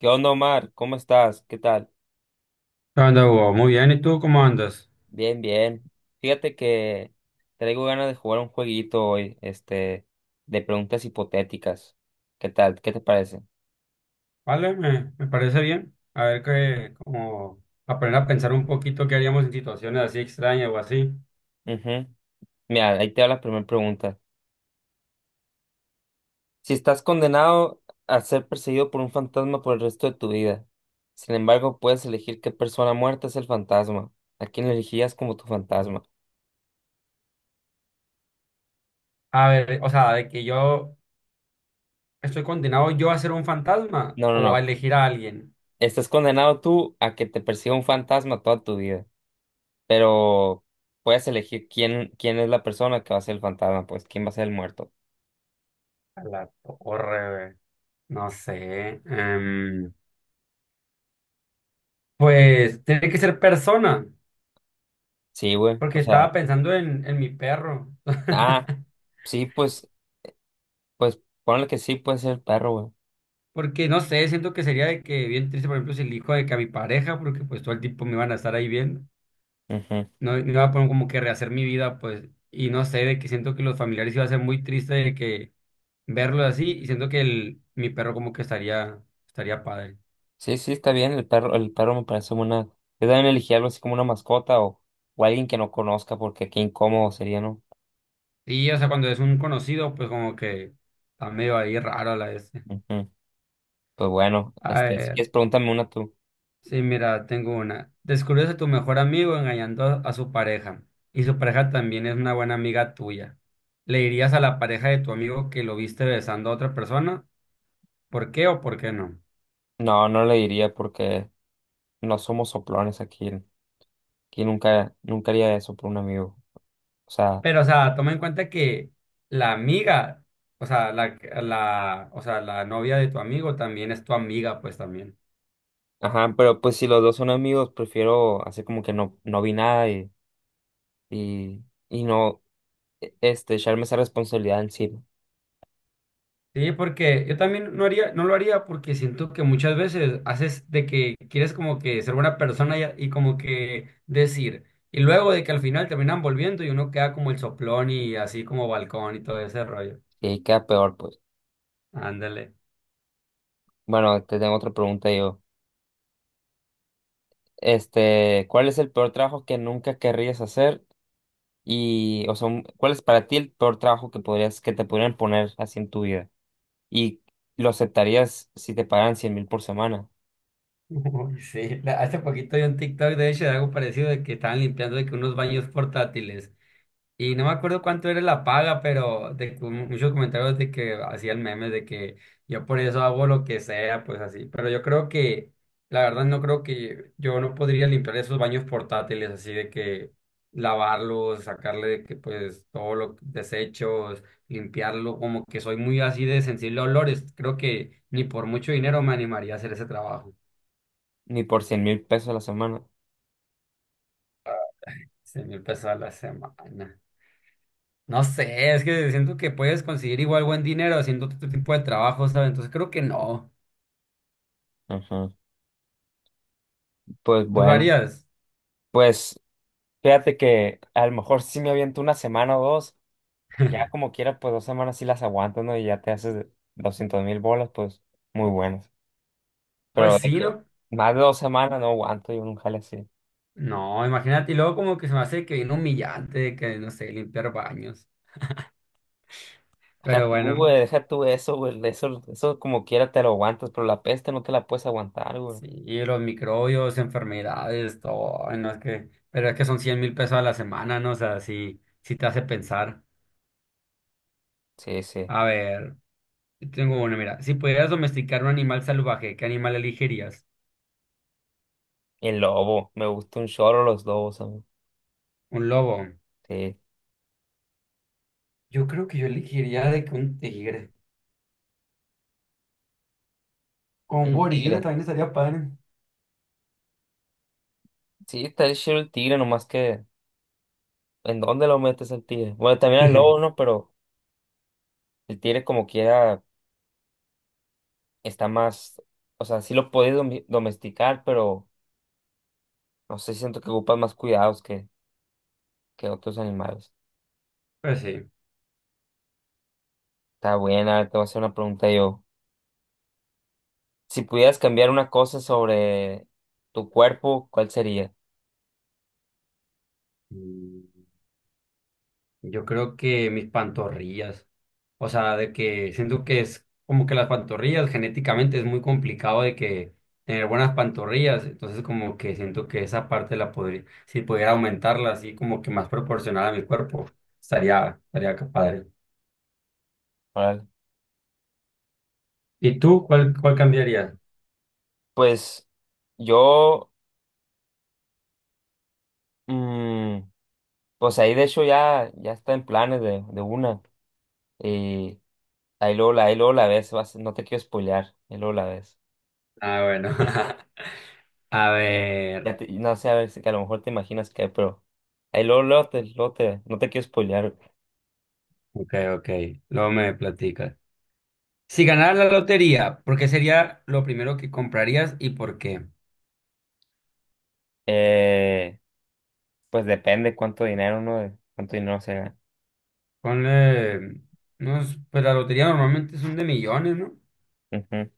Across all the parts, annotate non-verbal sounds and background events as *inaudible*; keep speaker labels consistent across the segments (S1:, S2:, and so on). S1: ¿Qué onda, Omar? ¿Cómo estás? ¿Qué tal?
S2: ¿Qué onda, Hugo? Muy bien, ¿y tú cómo andas?
S1: Bien, bien. Fíjate que traigo ganas de jugar un jueguito hoy, de preguntas hipotéticas. ¿Qué tal? ¿Qué te parece?
S2: Vale, me parece bien. A ver qué, como aprender a pensar un poquito qué haríamos en situaciones así extrañas o así.
S1: Ujú. Mira, ahí te va la primera pregunta. Si estás condenado a ser perseguido por un fantasma por el resto de tu vida, sin embargo, puedes elegir qué persona muerta es el fantasma. ¿A quién elegirías como tu fantasma?
S2: A ver, o sea, de que yo estoy condenado yo a ser un fantasma
S1: No, no,
S2: o a
S1: no.
S2: elegir a alguien.
S1: Estás condenado tú a que te persiga un fantasma toda tu vida. Pero puedes elegir quién es la persona que va a ser el fantasma, pues, quién va a ser el muerto.
S2: A la torre, güey. No sé. Pues tiene que ser persona,
S1: Sí, güey. O
S2: porque
S1: sea,
S2: estaba pensando en mi perro.
S1: ah,
S2: *laughs*
S1: sí, pues, ponle que sí puede ser el perro,
S2: Porque no sé, siento que sería de que bien triste, por ejemplo, si elijo de que a mi pareja, porque pues todo el tiempo me van a estar ahí viendo.
S1: güey. Ujú.
S2: No, no iba a poner como que rehacer mi vida, pues, y no sé, de que siento que los familiares iba a ser muy triste de que verlo así, y siento que mi perro como que estaría padre.
S1: Sí, sí, está bien, el perro me parece una. Yo también elegí algo así como una mascota o alguien que no conozca, porque qué incómodo sería, ¿no?
S2: Y, o sea, cuando es un conocido, pues como que está medio ahí raro la este.
S1: Ujú. Pues bueno,
S2: A
S1: si
S2: ver,
S1: quieres, pregúntame una tú.
S2: sí, mira, tengo una. Descubres a tu mejor amigo engañando a su pareja, y su pareja también es una buena amiga tuya. ¿Le dirías a la pareja de tu amigo que lo viste besando a otra persona? ¿Por qué o por qué no?
S1: No, no le diría porque no somos soplones aquí. Aquí nunca, nunca haría eso por un amigo. O sea.
S2: Pero, o sea, toma en cuenta que la amiga, o sea, o sea, la novia de tu amigo también es tu amiga, pues también.
S1: Ajá, pero pues si los dos son amigos, prefiero hacer como que no, no vi nada y, y no echarme esa responsabilidad encima.
S2: Sí, porque yo también no lo haría porque siento que muchas veces haces de que quieres como que ser buena persona y como que decir, y luego de que al final terminan volviendo y uno queda como el soplón y así como balcón y todo ese rollo.
S1: Y ahí queda peor, pues.
S2: Ándale.
S1: Bueno, te tengo otra pregunta yo. ¿Cuál es el peor trabajo que nunca querrías hacer? Y, o sea, ¿cuál es para ti el peor trabajo que podrías, que te podrían poner así en tu vida? Y lo aceptarías si te pagaran 100,000 por semana,
S2: *laughs* Uy, sí, hace poquito vi un TikTok de hecho de algo parecido de que estaban limpiando de que unos baños portátiles. Y no me acuerdo cuánto era la paga, pero de, que muchos comentarios de que hacían memes de que yo por eso hago lo que sea, pues así. Pero yo creo que, la verdad, no creo que yo no podría limpiar esos baños portátiles, así de que lavarlos, sacarle de que pues todos los desechos, limpiarlo, como que soy muy así de sensible a olores. Creo que ni por mucho dinero me animaría a hacer ese trabajo.
S1: ni por 100,000 pesos a la semana.
S2: 100,000 pesos a la semana. No sé, es que siento que puedes conseguir igual buen dinero haciendo otro tipo de trabajo, ¿sabes? Entonces creo que no.
S1: Ajá. Pues
S2: ¿Tú lo
S1: bueno.
S2: harías?
S1: Pues fíjate que a lo mejor sí me aviento una semana o dos, ya
S2: *laughs*
S1: como quiera, pues 2 semanas sí las aguanto, ¿no? Y ya te haces 200,000 bolas, pues muy buenas.
S2: Pues
S1: Pero de
S2: sí,
S1: que
S2: ¿no?
S1: más de 2 semanas no aguanto yo un jale así.
S2: No, imagínate, y luego como que se me hace que viene humillante, de que no sé, limpiar baños.
S1: Deja
S2: Pero
S1: tú,
S2: bueno,
S1: güey, deja tú eso, güey, eso como quiera te lo aguantas, pero la peste no te la puedes aguantar, güey.
S2: sí, los microbios, enfermedades, todo, ay, no es que, pero es que son 100,000 pesos a la semana, ¿no? O sea, sí, sí te hace pensar.
S1: Sí, sí.
S2: A ver, yo tengo uno, mira, si pudieras domesticar un animal salvaje, ¿qué animal elegirías?
S1: Y el lobo, me gusta un chorro los lobos, a mí.
S2: Un lobo.
S1: Sí.
S2: Yo creo que yo elegiría de que un tigre. Con un
S1: El tigre.
S2: gorila también estaría padre.
S1: Sí, está el chido el tigre, nomás que ¿en dónde lo metes el tigre? Bueno, también el lobo, ¿no?
S2: *laughs*
S1: Pero el tigre como quiera. Está más, o sea, sí lo puedes domesticar, pero no sé, siento que ocupas más cuidados que otros animales.
S2: Pues sí.
S1: Está buena, te voy a hacer una pregunta yo. Si pudieras cambiar una cosa sobre tu cuerpo, ¿cuál sería?
S2: Mm, Yo creo que mis pantorrillas. O sea, de que siento que es como que las pantorrillas genéticamente es muy complicado de que tener buenas pantorrillas. Entonces como que siento que esa parte la podría, si pudiera aumentarla así como que más proporcional a mi cuerpo, estaría, que padre.
S1: Órale.
S2: ¿Y tú cuál cambiarías?
S1: Pues yo, mm, pues ahí de hecho ya, está en planes de una. Y ahí luego la ves, no te quiero spoilear, ahí luego la ves.
S2: Ah, bueno. *laughs* A ver.
S1: No sé, a ver, si que a lo mejor te imaginas qué, pero ahí no te quiero spoilear.
S2: Ok, ok. Luego me platicas. Si ganaras la lotería, ¿por qué sería lo primero que comprarías y por qué?
S1: Eh, pues depende cuánto dinero se gana.
S2: Ponle, no, pues la lotería normalmente son de millones, ¿no?
S1: Ujú.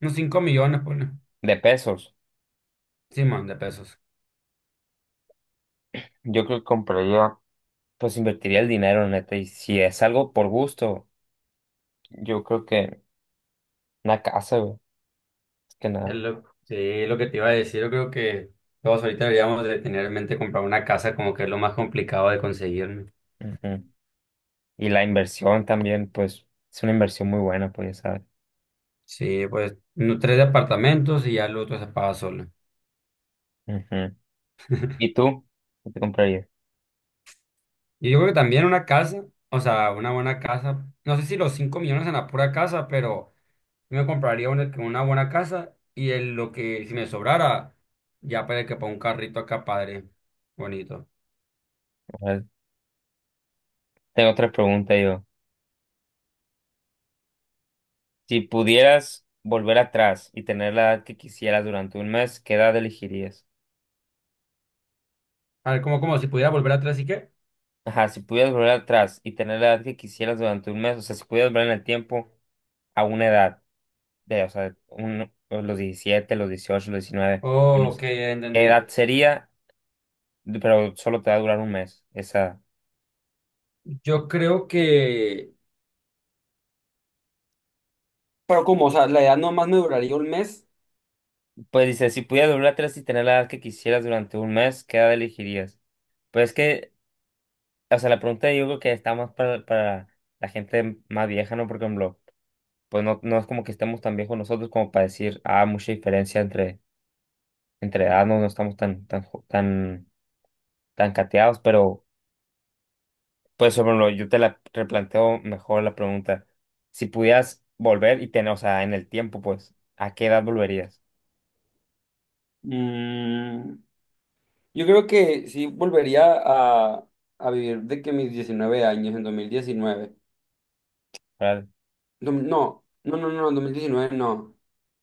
S2: Unos 5 millones, ponle.
S1: De pesos.
S2: Simón, de pesos.
S1: Yo creo que compraría, pues invertiría el dinero, neta. Y si es algo por gusto, yo creo que una casa, güey. Es que nada.
S2: Sí, lo que te iba a decir, yo creo que todos ahorita deberíamos de tener en mente comprar una casa como que es lo más complicado de conseguir, ¿no?
S1: Ujú. Y la inversión también, pues, es una inversión muy buena, pues ya sabes.
S2: Sí, pues no, tres departamentos y ya el otro se paga solo.
S1: Ujú. ¿Y tú? ¿Qué te comprarías?
S2: Y yo creo que también una casa, o sea, una buena casa. No sé si los 5 millones en la pura casa, pero... Yo me compraría una buena casa y lo que, si me sobrara, ya para que ponga un carrito acá, padre. Bonito.
S1: A ver, tengo otra pregunta yo. Si pudieras volver atrás y tener la edad que quisieras durante un mes, ¿qué edad elegirías?
S2: A ver, como si pudiera volver atrás y qué.
S1: Ajá, si pudieras volver atrás y tener la edad que quisieras durante un mes, o sea, si pudieras volver en el tiempo a una edad, de, o sea, los 17 los 18 los 19,
S2: Ok,
S1: unos-
S2: ya
S1: ¿qué
S2: entendí.
S1: edad sería? Pero solo te va a durar un mes, esa.
S2: Yo creo que. Pero como, o sea, la edad nomás me duraría un mes.
S1: Pues dice, si pudieras volver atrás y tener la edad que quisieras durante un mes, ¿qué edad elegirías? Pues es que, o sea, la pregunta yo creo que está más para la gente más vieja, ¿no? Por ejemplo, pues no, no es como que estemos tan viejos nosotros como para decir, ah, mucha diferencia entre edad no, no estamos tan cateados, pero pues sobre lo, yo te la replanteo mejor la pregunta. Si pudieras volver y tener, o sea, en el tiempo, pues, ¿a qué edad volverías?
S2: mm, yo creo que sí volvería a vivir de que mis 19 años en 2019.
S1: ¿Verdad?
S2: No, no, no, no, no, en 2019 no.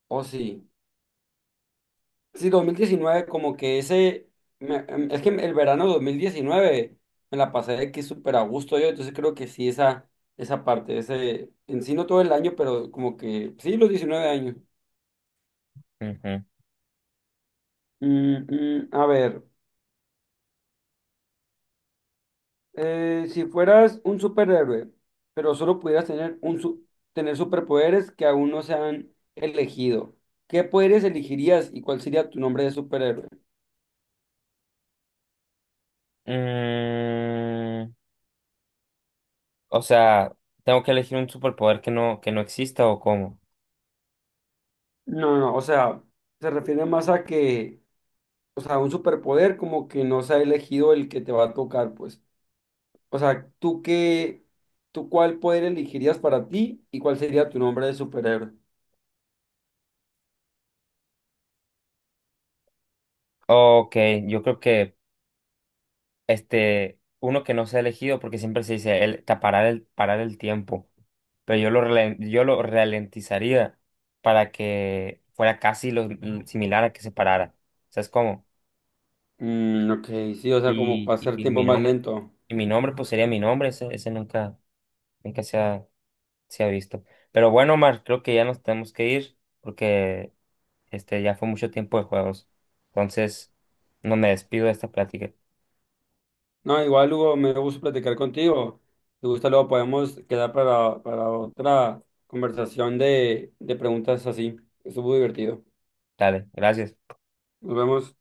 S2: O sí. Sí, 2019 como que ese, es que el verano de 2019 me la pasé de que súper a gusto yo, entonces creo que sí, esa, parte, ese, en sí no todo el año, pero como que sí, los 19 años.
S1: Ujú.
S2: A ver, si fueras un superhéroe, pero solo pudieras tener, tener superpoderes que aún no se han elegido, ¿qué poderes elegirías y cuál sería tu nombre de superhéroe?
S1: Mm, o sea, ¿tengo que elegir un superpoder que no exista o cómo?
S2: No, no, o sea, se refiere más a que o sea, un superpoder como que no se ha elegido el que te va a tocar, pues. O sea, tú cuál poder elegirías para ti y cuál sería tu nombre de superhéroe?
S1: Ok, yo creo que uno que no se ha elegido porque siempre se dice el, ta- parar el tiempo, pero yo lo ralentizaría para que fuera casi lo similar a que se parara. ¿Sabes cómo?
S2: Mm, ok, sí, o sea, como
S1: Y, y,
S2: pasar
S1: y
S2: tiempo
S1: mi
S2: más
S1: nombre,
S2: lento.
S1: y mi nombre pues sería mi nombre, ese nunca, nunca se ha visto. Pero bueno, Omar, creo que ya nos tenemos que ir porque ya fue mucho tiempo de juegos. Entonces, no me despido de esta plática.
S2: No, igual, Hugo, me gusta platicar contigo. Si gusta, luego podemos quedar para otra conversación de preguntas así. Estuvo divertido.
S1: Dale, gracias.
S2: Nos vemos.